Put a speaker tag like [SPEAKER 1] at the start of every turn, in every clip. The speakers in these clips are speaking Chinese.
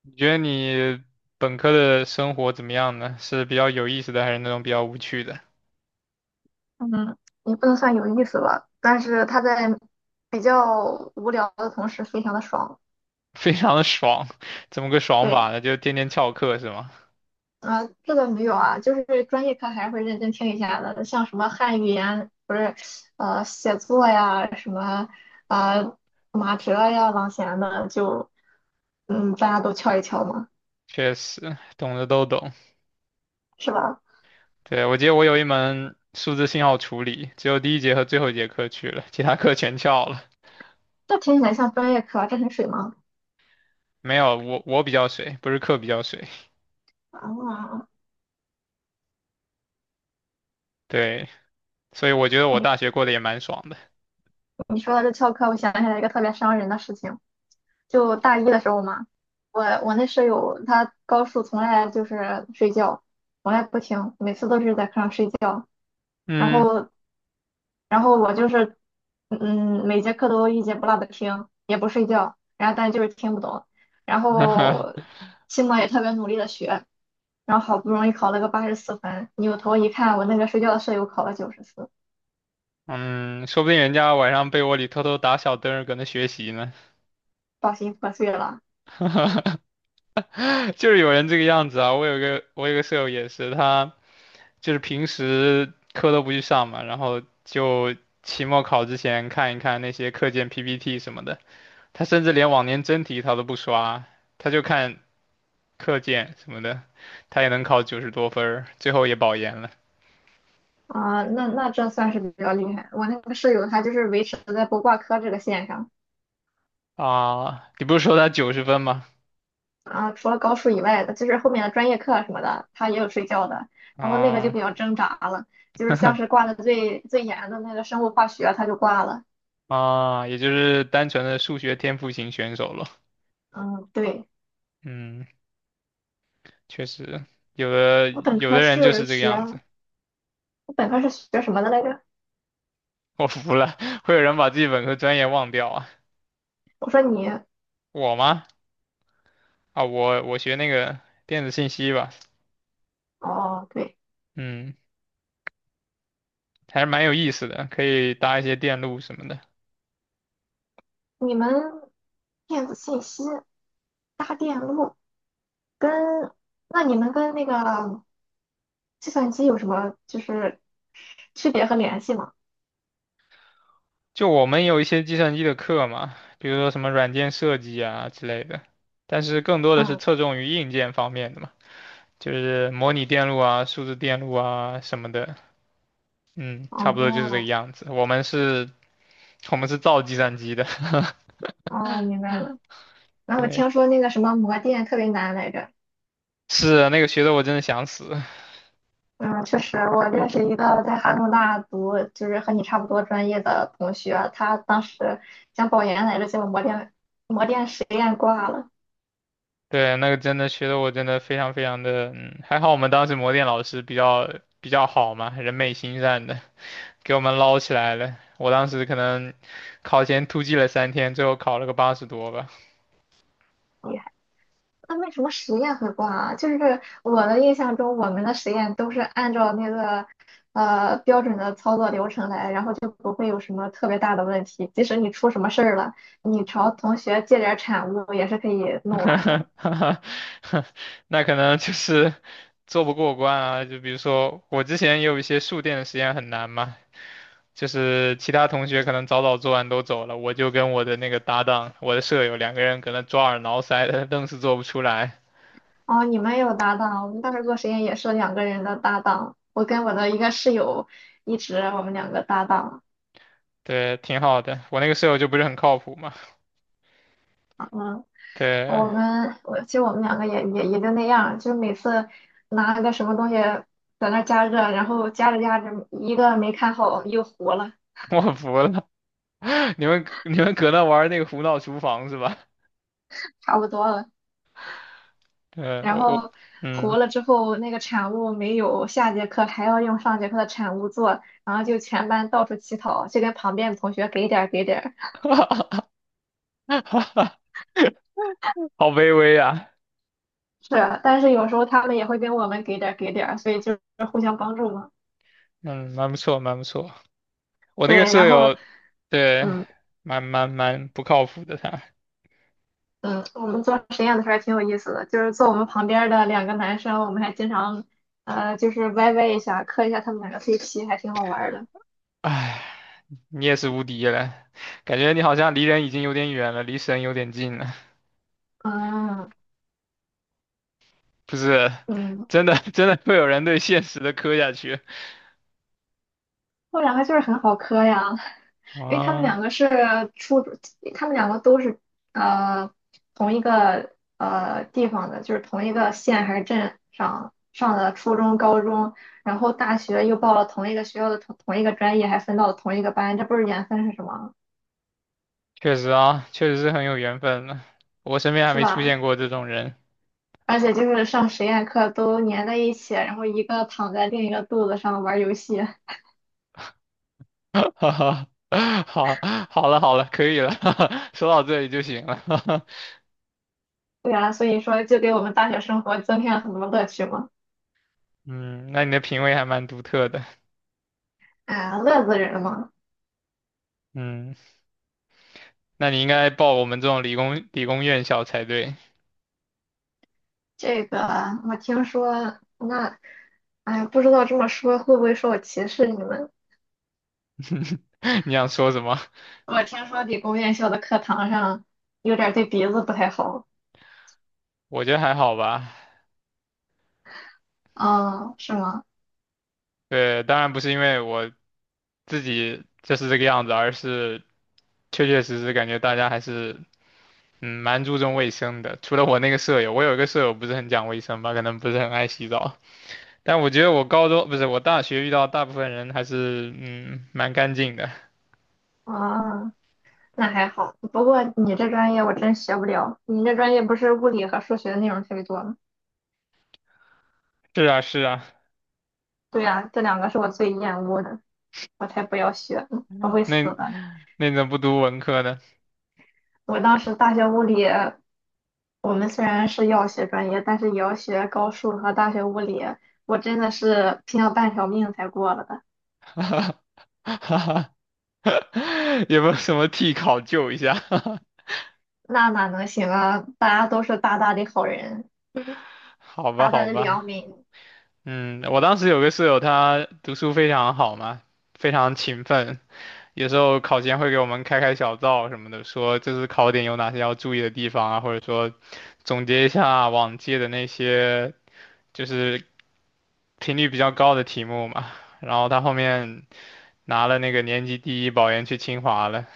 [SPEAKER 1] 你觉得你本科的生活怎么样呢？是比较有意思的，还是那种比较无趣的？
[SPEAKER 2] 嗯，也不能算有意思吧，但是它在比较无聊的同时，非常的爽。
[SPEAKER 1] 非常的爽，怎么个爽
[SPEAKER 2] 对，
[SPEAKER 1] 法呢？就天天翘课是吗？
[SPEAKER 2] 啊、这个没有啊，就是专业课还是会认真听一下的，像什么汉语言，不是，写作呀，什么，呃，马哲呀、郎咸的，就大家都敲一敲嘛，
[SPEAKER 1] 确实，懂的都懂。
[SPEAKER 2] 是吧？
[SPEAKER 1] 对，我记得我有一门数字信号处理，只有第一节和最后一节课去了，其他课全翘了。
[SPEAKER 2] 这听起来像专业课啊，这很水吗？
[SPEAKER 1] 没有，我比较水，不是课比较水。
[SPEAKER 2] 啊，
[SPEAKER 1] 对，所以我觉得我
[SPEAKER 2] 你
[SPEAKER 1] 大学过得也蛮爽的。
[SPEAKER 2] 你说的这翘课，我想起来一个特别伤人的事情。就大一的时候嘛，我那舍友她高数从来就是睡觉，从来不听，每次都是在课上睡觉。然
[SPEAKER 1] 嗯，
[SPEAKER 2] 后然后我就是每节课都一节不落的听，也不睡觉，然后但就是听不懂。然后 期末也特别努力的学，然后好不容易考了个84分，扭头一看，我那个睡觉的舍友考了94，
[SPEAKER 1] 嗯，说不定人家晚上被窝里偷偷打小灯儿搁那学习呢。
[SPEAKER 2] 抱心破碎了。
[SPEAKER 1] 就是有人这个样子啊。我有个舍友也是，他就是平时课都不去上嘛，然后就期末考之前看一看那些课件 PPT 什么的。他甚至连往年真题他都不刷，他就看课件什么的，他也能考九十多分儿，最后也保研了。
[SPEAKER 2] 啊，那这算是比较厉害。我那个舍友他就是维持在不挂科这个线上。
[SPEAKER 1] 啊，你不是说他九十分吗？
[SPEAKER 2] 啊，除了高数以外的，就是后面的专业课啊什么的，他也有睡觉的，然后那个就
[SPEAKER 1] 啊
[SPEAKER 2] 比较挣扎了，就是像是挂的最最严的那个生物化学，他就挂了。
[SPEAKER 1] 啊，也就是单纯的数学天赋型选手了。
[SPEAKER 2] 嗯，对，
[SPEAKER 1] 嗯，确实，有的
[SPEAKER 2] 我本
[SPEAKER 1] 有
[SPEAKER 2] 科
[SPEAKER 1] 的人就
[SPEAKER 2] 是
[SPEAKER 1] 是这个样子。
[SPEAKER 2] 学，我本科是学什么的来着？
[SPEAKER 1] 我服了，会有人把自己本科专业忘掉啊？
[SPEAKER 2] 我说你，
[SPEAKER 1] 我吗？啊，我学那个电子信息吧。
[SPEAKER 2] 哦，对，
[SPEAKER 1] 嗯，还是蛮有意思的，可以搭一些电路什么的。
[SPEAKER 2] 你们电子信息、搭电路跟，那你们跟那个计算机有什么就是区别和联系吗？
[SPEAKER 1] 就我们有一些计算机的课嘛，比如说什么软件设计啊之类的，但是更多的是
[SPEAKER 2] 嗯，
[SPEAKER 1] 侧重于硬件方面的嘛，就是模拟电路啊、数字电路啊什么的。嗯，差不多就是这个
[SPEAKER 2] 哦，
[SPEAKER 1] 样子。我们是，我们是造计算机的。
[SPEAKER 2] 哦，明 白了。然后我
[SPEAKER 1] 对，
[SPEAKER 2] 听说那个什么魔电特别难来着，
[SPEAKER 1] 是那个学的我真的想死。
[SPEAKER 2] 嗯，确实，我认识一个在哈工大读，就是和你差不多专业的同学，他当时想保研来着，结果魔电实验挂了，
[SPEAKER 1] 对，那个真的学的我真的非常非常的，还好我们当时模电老师比较好嘛，人美心善的，给我们捞起来了。我当时可能考前突击了三天，最后考了个八十多吧。
[SPEAKER 2] 厉害。那为什么实验会挂啊？就是我的印象中，我们的实验都是按照那个标准的操作流程来，然后就不会有什么特别大的问题。即使你出什么事儿了，你朝同学借点儿产物也是可以 弄完的。
[SPEAKER 1] 那可能就是做不过关啊。就比如说我之前也有一些数电的实验很难嘛，就是其他同学可能早早做完都走了，我就跟我的那个搭档，我的舍友两个人搁那抓耳挠腮的，愣是做不出来。
[SPEAKER 2] 哦，你们有搭档，我们当时做实验也是两个人的搭档。我跟我的一个室友一直我们两个搭档，
[SPEAKER 1] 对，挺好的。我那个舍友就不是很靠谱嘛。
[SPEAKER 2] 嗯，
[SPEAKER 1] 对，
[SPEAKER 2] 我其实我们两个也就那样，就每次拿个什么东西在那儿加热，然后加着加着一个没看好又糊了，
[SPEAKER 1] 我服了。你们搁那玩那个胡闹厨房是吧？
[SPEAKER 2] 差不多了，
[SPEAKER 1] 对，
[SPEAKER 2] 然
[SPEAKER 1] 我
[SPEAKER 2] 后糊
[SPEAKER 1] 嗯，
[SPEAKER 2] 了之后那个产物没有下节课还要用上节课的产物做，然后就全班到处乞讨，就跟旁边的同学给点儿给点儿。
[SPEAKER 1] 好卑微啊。
[SPEAKER 2] 是啊，但是有时候他们也会跟我们给点儿给点儿，所以就是互相帮助嘛。
[SPEAKER 1] 嗯，蛮不错，蛮不错。我那个
[SPEAKER 2] 对，
[SPEAKER 1] 舍
[SPEAKER 2] 然后，
[SPEAKER 1] 友，对，
[SPEAKER 2] 嗯
[SPEAKER 1] 蛮不靠谱的他。
[SPEAKER 2] 嗯，我们做实验的时候还挺有意思的，就是坐我们旁边儿的两个男生，我们还经常，就是歪歪一下，磕一下他们两个 CP，还挺好玩儿的。
[SPEAKER 1] 唉，你也是无敌了，感觉你好像离人已经有点远了，离神有点近了。
[SPEAKER 2] 嗯
[SPEAKER 1] 不是，
[SPEAKER 2] 嗯，
[SPEAKER 1] 真的 真的会有人对现实的磕下去。
[SPEAKER 2] 后两个就是很好磕呀。因为他们
[SPEAKER 1] 啊。
[SPEAKER 2] 两个是初，中，他们两个都是呃同一个地方的，就是同一个县还是镇上上的初中、高中，然后大学又报了同一个学校的同一个专业，还分到了同一个班，这不是缘分是什么？
[SPEAKER 1] 确实啊，确实是很有缘分的。我身边还
[SPEAKER 2] 是
[SPEAKER 1] 没出
[SPEAKER 2] 吧？
[SPEAKER 1] 现过这种人。
[SPEAKER 2] 而且就是上实验课都粘在一起，然后一个躺在另一个肚子上玩游戏，
[SPEAKER 1] 哈哈，好，好了，好了，可以了。说到这里就行了。
[SPEAKER 2] 对呀，所以说就给我们大学生活增添了很多乐趣嘛，
[SPEAKER 1] 嗯，那你的品味还蛮独特的。
[SPEAKER 2] 啊，乐死人了嘛。
[SPEAKER 1] 嗯，那你应该报我们这种理工院校才对。
[SPEAKER 2] 这个我听说，那，哎呀，不知道这么说会不会说我歧视你们？
[SPEAKER 1] 你想说什么？
[SPEAKER 2] 我听说理工院校的课堂上有点儿对鼻子不太好。
[SPEAKER 1] 我觉得还好吧。
[SPEAKER 2] 哦，是吗？
[SPEAKER 1] 对，当然不是因为我自己就是这个样子，而是确确实实感觉大家还是嗯，蛮注重卫生的。除了我那个舍友，我有一个舍友不是很讲卫生吧，可能不是很爱洗澡。但我觉得我高中，不是，我大学遇到大部分人还是嗯蛮干净的。
[SPEAKER 2] 啊，那还好。不过你这专业我真学不了，你这专业不是物理和数学的内容特别多吗？
[SPEAKER 1] 是啊，是啊，
[SPEAKER 2] 对呀，这两个是我最厌恶的，我才不要学呢，我会死
[SPEAKER 1] 那
[SPEAKER 2] 的。
[SPEAKER 1] 那怎么不读文科呢？
[SPEAKER 2] 我当时大学物理我们虽然是药学专业，但是也要学高数和大学物理。我真的是拼了半条命才过了的，
[SPEAKER 1] 哈哈，有没有什么替考救一下？
[SPEAKER 2] 那哪能行啊？大家都是大大的好人，
[SPEAKER 1] 好吧，
[SPEAKER 2] 大大
[SPEAKER 1] 好
[SPEAKER 2] 的
[SPEAKER 1] 吧。
[SPEAKER 2] 良民，
[SPEAKER 1] 嗯，我当时有个舍友，他读书非常好嘛，非常勤奋，有时候考前会给我们开开小灶什么的，说这次考点有哪些要注意的地方啊，或者说总结一下啊往届的那些就是频率比较高的题目嘛。然后他后面拿了那个年级第一保研去清华了。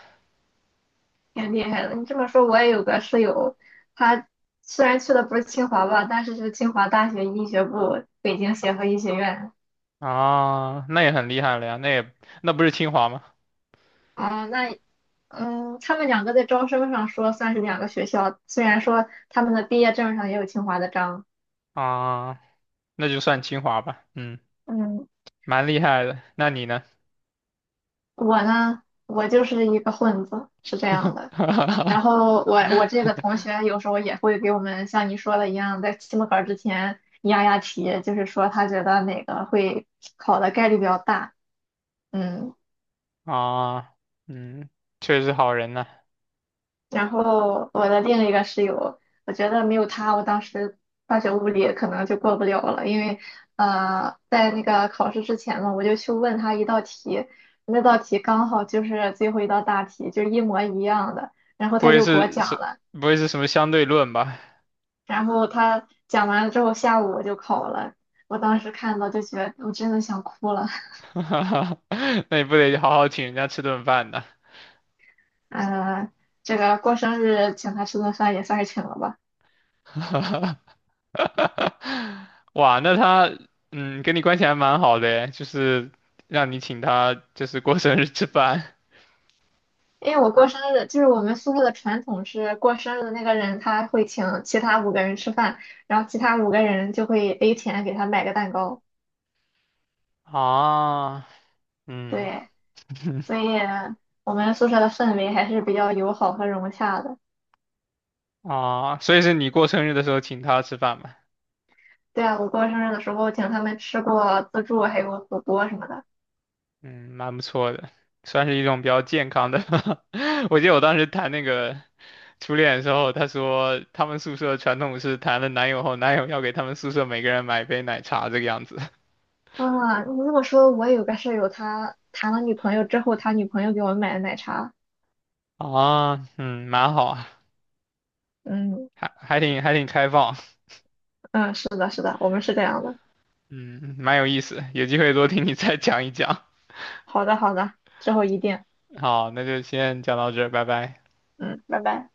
[SPEAKER 2] 挺厉害的。你这么说，我也有个室友，他虽然去的不是清华吧，但是是清华大学医学部北京协和医学院。
[SPEAKER 1] 啊，那也很厉害了呀，那也那不是清华吗？
[SPEAKER 2] 啊、那他们两个在招生上说算是两个学校，虽然说他们的毕业证上也有清华的章。
[SPEAKER 1] 啊，那就算清华吧，嗯，
[SPEAKER 2] 嗯，
[SPEAKER 1] 蛮厉害的。那你呢？
[SPEAKER 2] 我呢，我就是一个混子，是这样的。然 后我这个同学有时候也会给我们像你说的一样，在期末考之前压压题，就是说他觉得哪个会考的概率比较大。嗯，
[SPEAKER 1] 啊，嗯，确实好人呐、
[SPEAKER 2] 然后我的另一个室友，我觉得没有他，我当时化学物理可能就过不了了，因为在那个考试之前嘛，我就去问他一道题，那道题刚好就是最后一道大题，就是一模一样的，然后
[SPEAKER 1] 不
[SPEAKER 2] 他
[SPEAKER 1] 会
[SPEAKER 2] 就给我
[SPEAKER 1] 是是，
[SPEAKER 2] 讲了。
[SPEAKER 1] 不会是什么相对论吧？
[SPEAKER 2] 然后他讲完了之后，下午我就考了。我当时看到就觉得我真的想哭了。
[SPEAKER 1] 那你不得好好请人家吃顿饭呢？
[SPEAKER 2] 呃，这个过生日请他吃顿饭也算是请了吧，
[SPEAKER 1] 哇，那他嗯跟你关系还蛮好的诶，就是让你请他就是过生日吃饭。
[SPEAKER 2] 因为我过生日就是我们宿舍的传统是过生日的那个人他会请其他五个人吃饭，然后其他五个人就会 A 钱给他买个蛋糕。
[SPEAKER 1] 啊，嗯
[SPEAKER 2] 对，所以我们宿舍的氛围还是比较友好和融洽的。
[SPEAKER 1] 啊，所以是你过生日的时候请他吃饭嘛？
[SPEAKER 2] 对啊，我过生日的时候请他们吃过自助，还有火锅什么的。
[SPEAKER 1] 嗯，蛮不错的，算是一种比较健康的。我记得我当时谈那个初恋的时候，他说他们宿舍传统是谈了男友后，男友要给他们宿舍每个人买一杯奶茶这个样子。
[SPEAKER 2] 啊，你这么说，我有个舍友，他谈了女朋友之后，他女朋友给我们买的奶茶。
[SPEAKER 1] 啊，嗯，蛮好啊，
[SPEAKER 2] 嗯
[SPEAKER 1] 还挺开放。
[SPEAKER 2] 嗯，是的，是的，我们是这样的。
[SPEAKER 1] 嗯，蛮有意思，有机会多听你再讲一讲。
[SPEAKER 2] 好的，好的，之后一定。
[SPEAKER 1] 好，那就先讲到这儿，拜拜。
[SPEAKER 2] 嗯，拜拜。